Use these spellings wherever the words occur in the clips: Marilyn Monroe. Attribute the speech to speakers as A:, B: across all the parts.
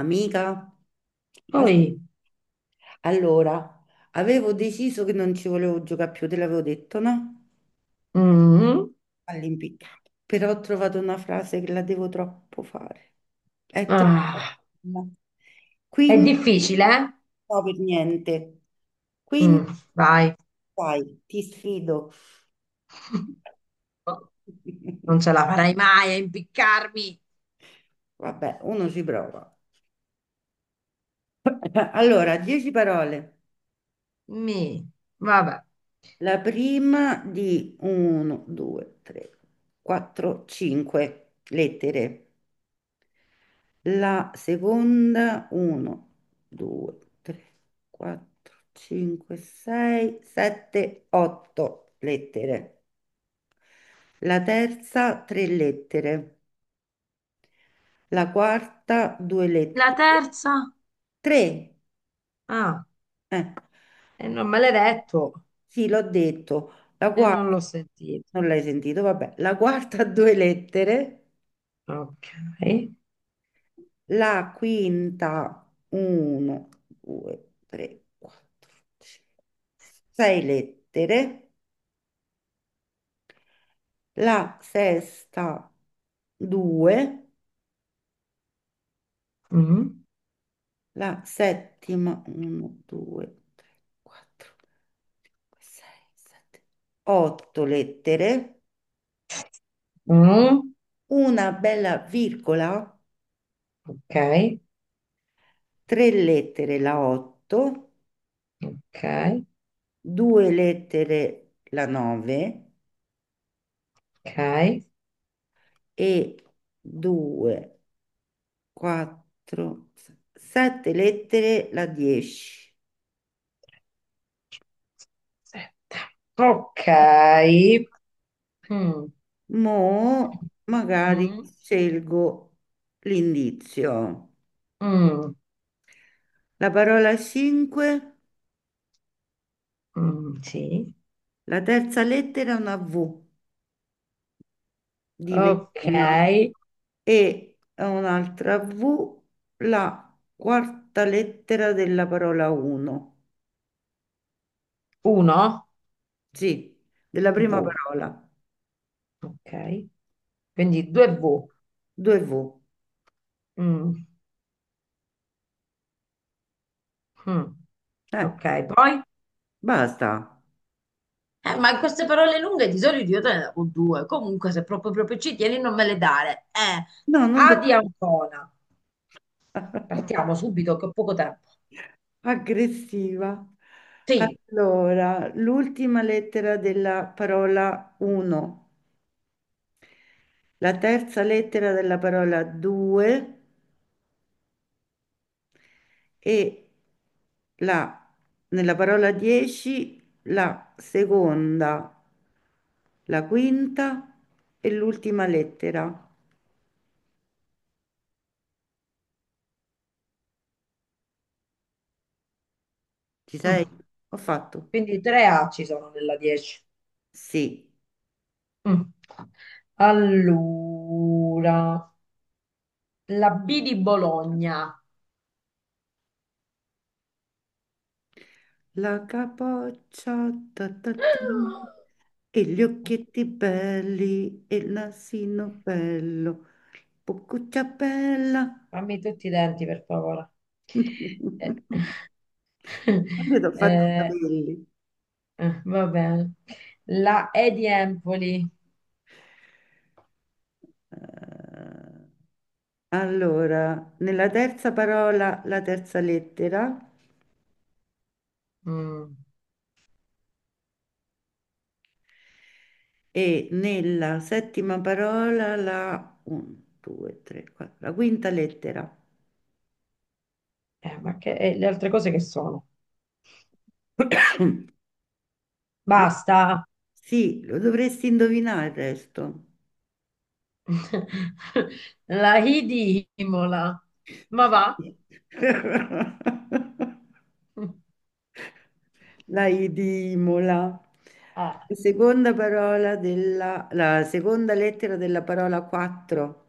A: Amica, as-
B: Poi,
A: allora, avevo deciso che non ci volevo giocare più, te l'avevo detto, no?
B: mm,
A: All'impiccato. Però ho trovato una frase che la devo troppo fare. È troppo.
B: ah,
A: No.
B: è
A: Quindi,
B: difficile, eh?
A: no, per niente. Quindi,
B: Mm, vai,
A: dai, ti sfido.
B: non ce la farai mai a impiccarmi.
A: Vabbè, uno ci prova. Allora, dieci parole.
B: Mi, vabbè.
A: La prima di 1, 2, 3, 4, 5 lettere. La seconda, 1, 2, 3, 4, 5, 6, 7, 8 lettere. La terza, 3 lettere. La quarta, 2
B: La
A: lettere.
B: terza?
A: 3.
B: Ah,
A: Eh,
B: e non me l'hai detto
A: sì, l'ho detto. La
B: e non
A: quarta,
B: l'ho sentito.
A: non l'hai sentito, vabbè. La quarta, 2 lettere.
B: Ok.
A: La quinta, 1, 2, 3, 4, 5, 6 lettere. La sesta 2,
B: Mm,
A: la settima 1, 2, 3, 4, 5, 6, 7, 8 lettere,
B: mm,
A: una bella virgola,
B: ok,
A: 3 lettere la 8,
B: ok,
A: 2 lettere la 9
B: ok.
A: e 2, 4, 7 lettere la 10.
B: Sì. Ok. Mm,
A: Mo' magari
B: mm,
A: scelgo l'indizio.
B: mm,
A: La parola 5,
B: mm, sì.
A: la terza lettera è una V di
B: Ok.
A: Verona e un'altra V, la quarta lettera della parola 1.
B: Uno.
A: Sì, della prima
B: Boh.
A: parola.
B: Ok, quindi 2V.
A: Due V.
B: Mm, mm.
A: Eh,
B: Ok, poi?
A: basta.
B: Ma queste parole lunghe di solito io te ne davo due. Comunque, se proprio proprio ci tieni, non me le dare.
A: No, non
B: A di
A: devo.
B: Ancona. Partiamo subito che ho poco tempo.
A: Aggressiva.
B: Sì.
A: Allora, l'ultima lettera della parola 1, la terza lettera della parola 2 e la, nella parola 10 la seconda, la quinta e l'ultima lettera. Ci
B: Mm.
A: sei? Ho fatto.
B: Quindi 3A ci sono nella 10.
A: Sì.
B: Mm. Allora, la B di Bologna.
A: La capoccia, ta ta ta, e gli occhietti belli, e il nasino bello, boccuccia bella.
B: Fammi tutti i denti, per favore. Eh,
A: Io ti ho fatto i
B: eh,
A: capelli.
B: eh, va bene. La E di Empoli.
A: Eh, Allora, nella terza parola la terza lettera
B: Mm.
A: e nella settima parola la 1, 2, 3, 4, la quinta lettera.
B: Ma che e le altre cose che sono?
A: Lo-
B: Basta.
A: sì, lo dovresti indovinare il resto.
B: La I di Imola. Ma va.
A: La I di Imola.
B: Eh,
A: Seconda parola della, la seconda lettera della parola 4.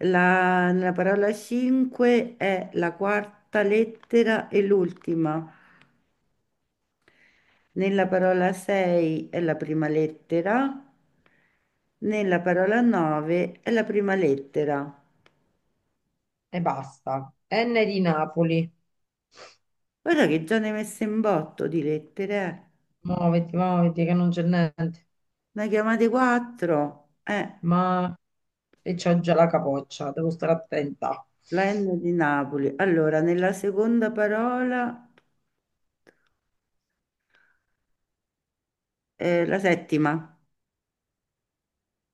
A: La, nella parola 5 è la quarta lettera e l'ultima. Nella parola 6 è la prima lettera. Nella parola 9 è la prima lettera.
B: e basta. N di Napoli.
A: Guarda che già ne hai messe in botto di lettere, eh.
B: Muoviti, muoviti, che non c'è niente.
A: Ne chiamate 4.
B: Ma e c'ho già la capoccia, devo stare attenta.
A: La N di Napoli. Allora, nella seconda parola, la settima.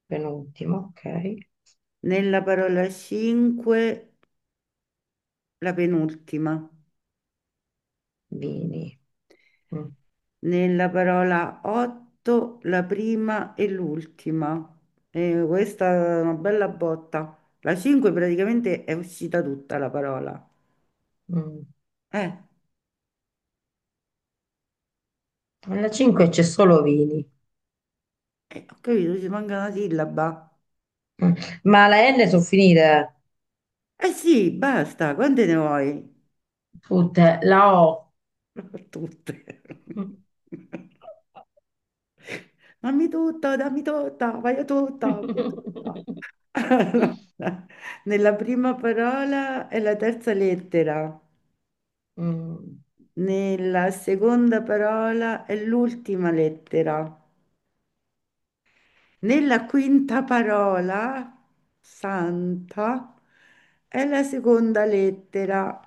B: Penultimo, ok.
A: Nella parola 5, la penultima.
B: Vini. Mm,
A: Nella parola otto, la prima e l'ultima. E questa è una bella botta. La 5 praticamente è uscita tutta la parola.
B: mm.
A: Eh,
B: Alla 5 c'è solo vini.
A: eh, ho capito, ci manca una sillaba.
B: Mm. Ma la N sono finite.
A: Eh sì, basta, quante ne vuoi?
B: Food, la O.
A: Tutte. Dammi tutto, dammi tutta, voglio tutta, voglio tutta. Allora, nella prima parola è la terza lettera.
B: Mm,
A: Nella seconda parola è l'ultima lettera. Nella quinta parola, santa, è la seconda lettera.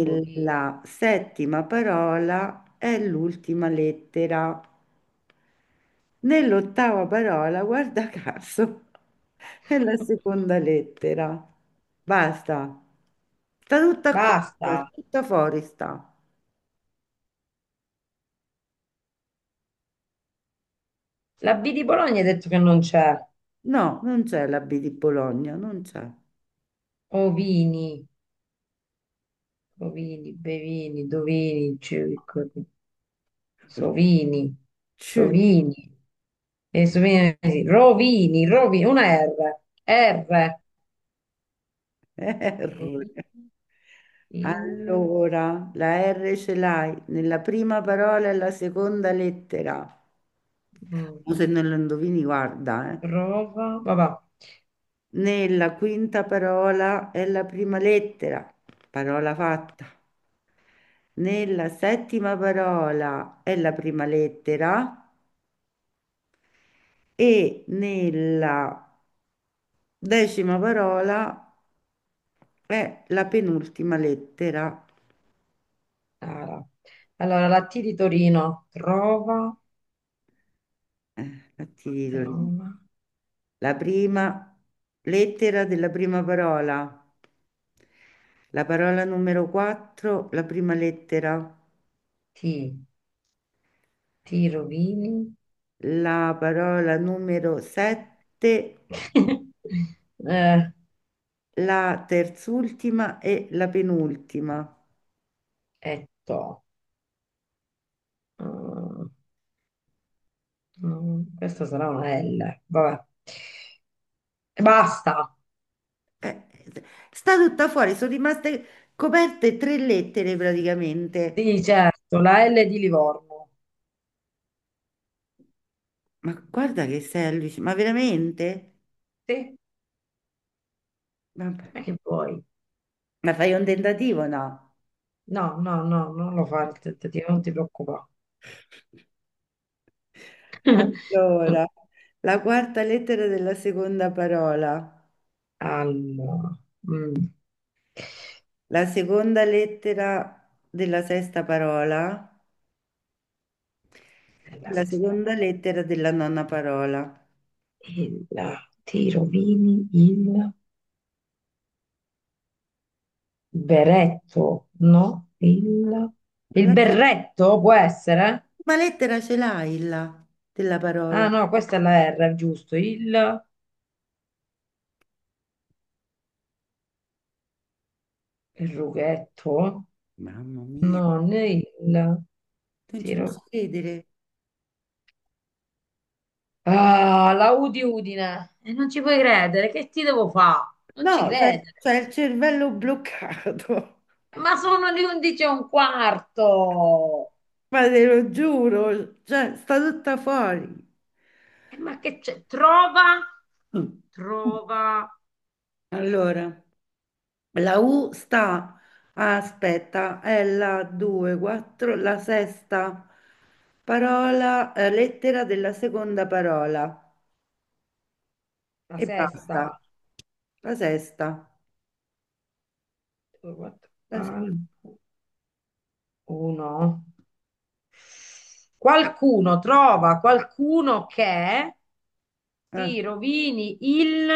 B: bovini.
A: settima parola è l'ultima lettera. Nell'ottava parola, guarda caso, è la seconda lettera. Basta. Sta tutta qua,
B: Basta.
A: tutta fuori sta.
B: La B di Bologna hai detto che non c'è.
A: No, non c'è la B di Bologna, non c'è.
B: Ovini, ovini, bevini, dovini, circo- sovini,
A: C,
B: sovini. E sovini, sì. Rovini, rovini, una R. R.
A: R.
B: Rovini, in,
A: Allora, la R ce l'hai nella prima parola e la seconda lettera.
B: mm,
A: O se non lo indovini, guarda, eh.
B: trova, vabbè.
A: Nella quinta parola è la prima lettera. Parola fatta. Nella settima parola è la prima lettera e nella decima parola è la penultima lettera,
B: Ara. Allora, la T di Torino, trova.
A: la ti dico lì.
B: Trauma,
A: La prima lettera della prima parola, la parola numero 4, la prima lettera,
B: ti, ti rovini.
A: la parola numero 7,
B: Eh,
A: la terzultima e la penultima.
B: e to. Mm, mm, questa sarà una L. Vabbè. E basta.
A: Eh, Sta tutta fuori, sono rimaste coperte tre lettere praticamente.
B: Sì, certo, la L di Livorno.
A: Ma guarda che sei allucinante, ma veramente?
B: Sì,
A: Vabbè.
B: ma che vuoi?
A: Ma fai un tentativo, no?
B: No, no, no, non lo fare il tentativo, non ti preoccupare.
A: Allora, la quarta lettera della seconda parola,
B: Allora, mm,
A: la seconda lettera della sesta parola e
B: nella
A: la
B: sesta.
A: seconda lettera della nona parola.
B: Il, ti rovini il... Beretto, no? Il,
A: Ma
B: il
A: la settima
B: berretto può essere?
A: lettera ce l'hai là della parola.
B: Ah no, questa è la R, giusto. Il rughetto?
A: Mamma mia,
B: No, né il
A: non ci
B: tiro.
A: posso credere.
B: Ah, la Udi Udine. E non ci puoi credere, che ti devo fare? Non ci
A: No, c'è
B: credere.
A: c'è il cervello bloccato,
B: Ma sono le 11 e un quarto.
A: ma te lo giuro, cioè, sta tutta fuori.
B: Ma che c'è? Trova,
A: Mm.
B: trova
A: Allora. La U sta, ah, aspetta, è la 2, 4, la sesta parola, lettera della seconda parola
B: la
A: e basta.
B: sesta.
A: La sesta,
B: Due, quattro,
A: la sesta.
B: albo, uno. Qualcuno trova qualcuno che
A: Eh.
B: ti rovini il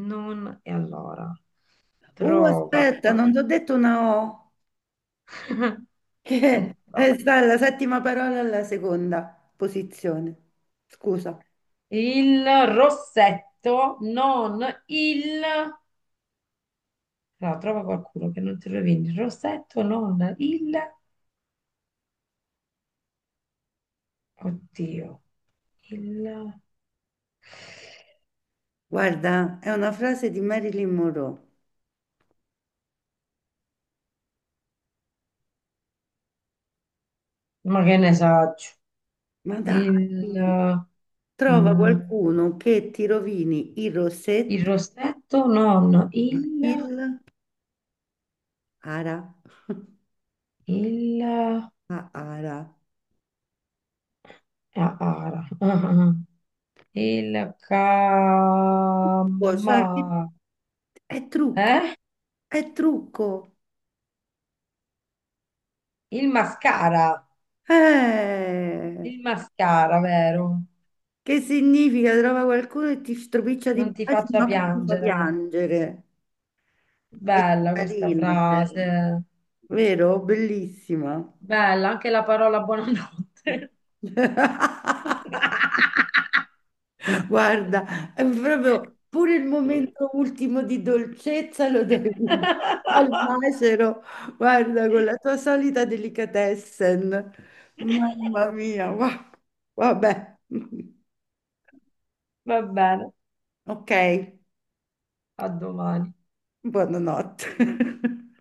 B: non e allora trova
A: Aspetta,
B: qual-
A: non ti ho detto una O, che
B: no.
A: è sta la settima parola alla seconda posizione. Scusa,
B: Il rossetto, non il no, trova qualcuno che non ti rovini il rossetto, non il oddio, il
A: guarda, è una frase di Marilyn Monroe.
B: ma che ne saggio,
A: Ma dai,
B: il
A: trova
B: mm,
A: qualcuno che ti rovini il
B: il
A: rossetto.
B: rossetto, non il
A: Il ara.
B: il
A: Ah, ara.
B: ah, ah, il
A: Oh, cioè,
B: cama,
A: è trucco,
B: eh?
A: è trucco.
B: Il mascara,
A: Eh,
B: il mascara, vero?
A: che significa? Trova qualcuno e ti stropiccia di
B: Non ti
A: baci,
B: faccia
A: no, che ti fa
B: piangere.
A: piangere. Che
B: Bella questa
A: carina, eh.
B: frase.
A: Vero? Bellissima.
B: Bella anche la parola buonanotte.
A: Guarda, è proprio pure il momento ultimo di dolcezza lo dovevi al macero, guarda, con la tua solita delicatessen. Mamma mia, vabbè.
B: Va bene,
A: Ok,
B: a domani.
A: buonanotte.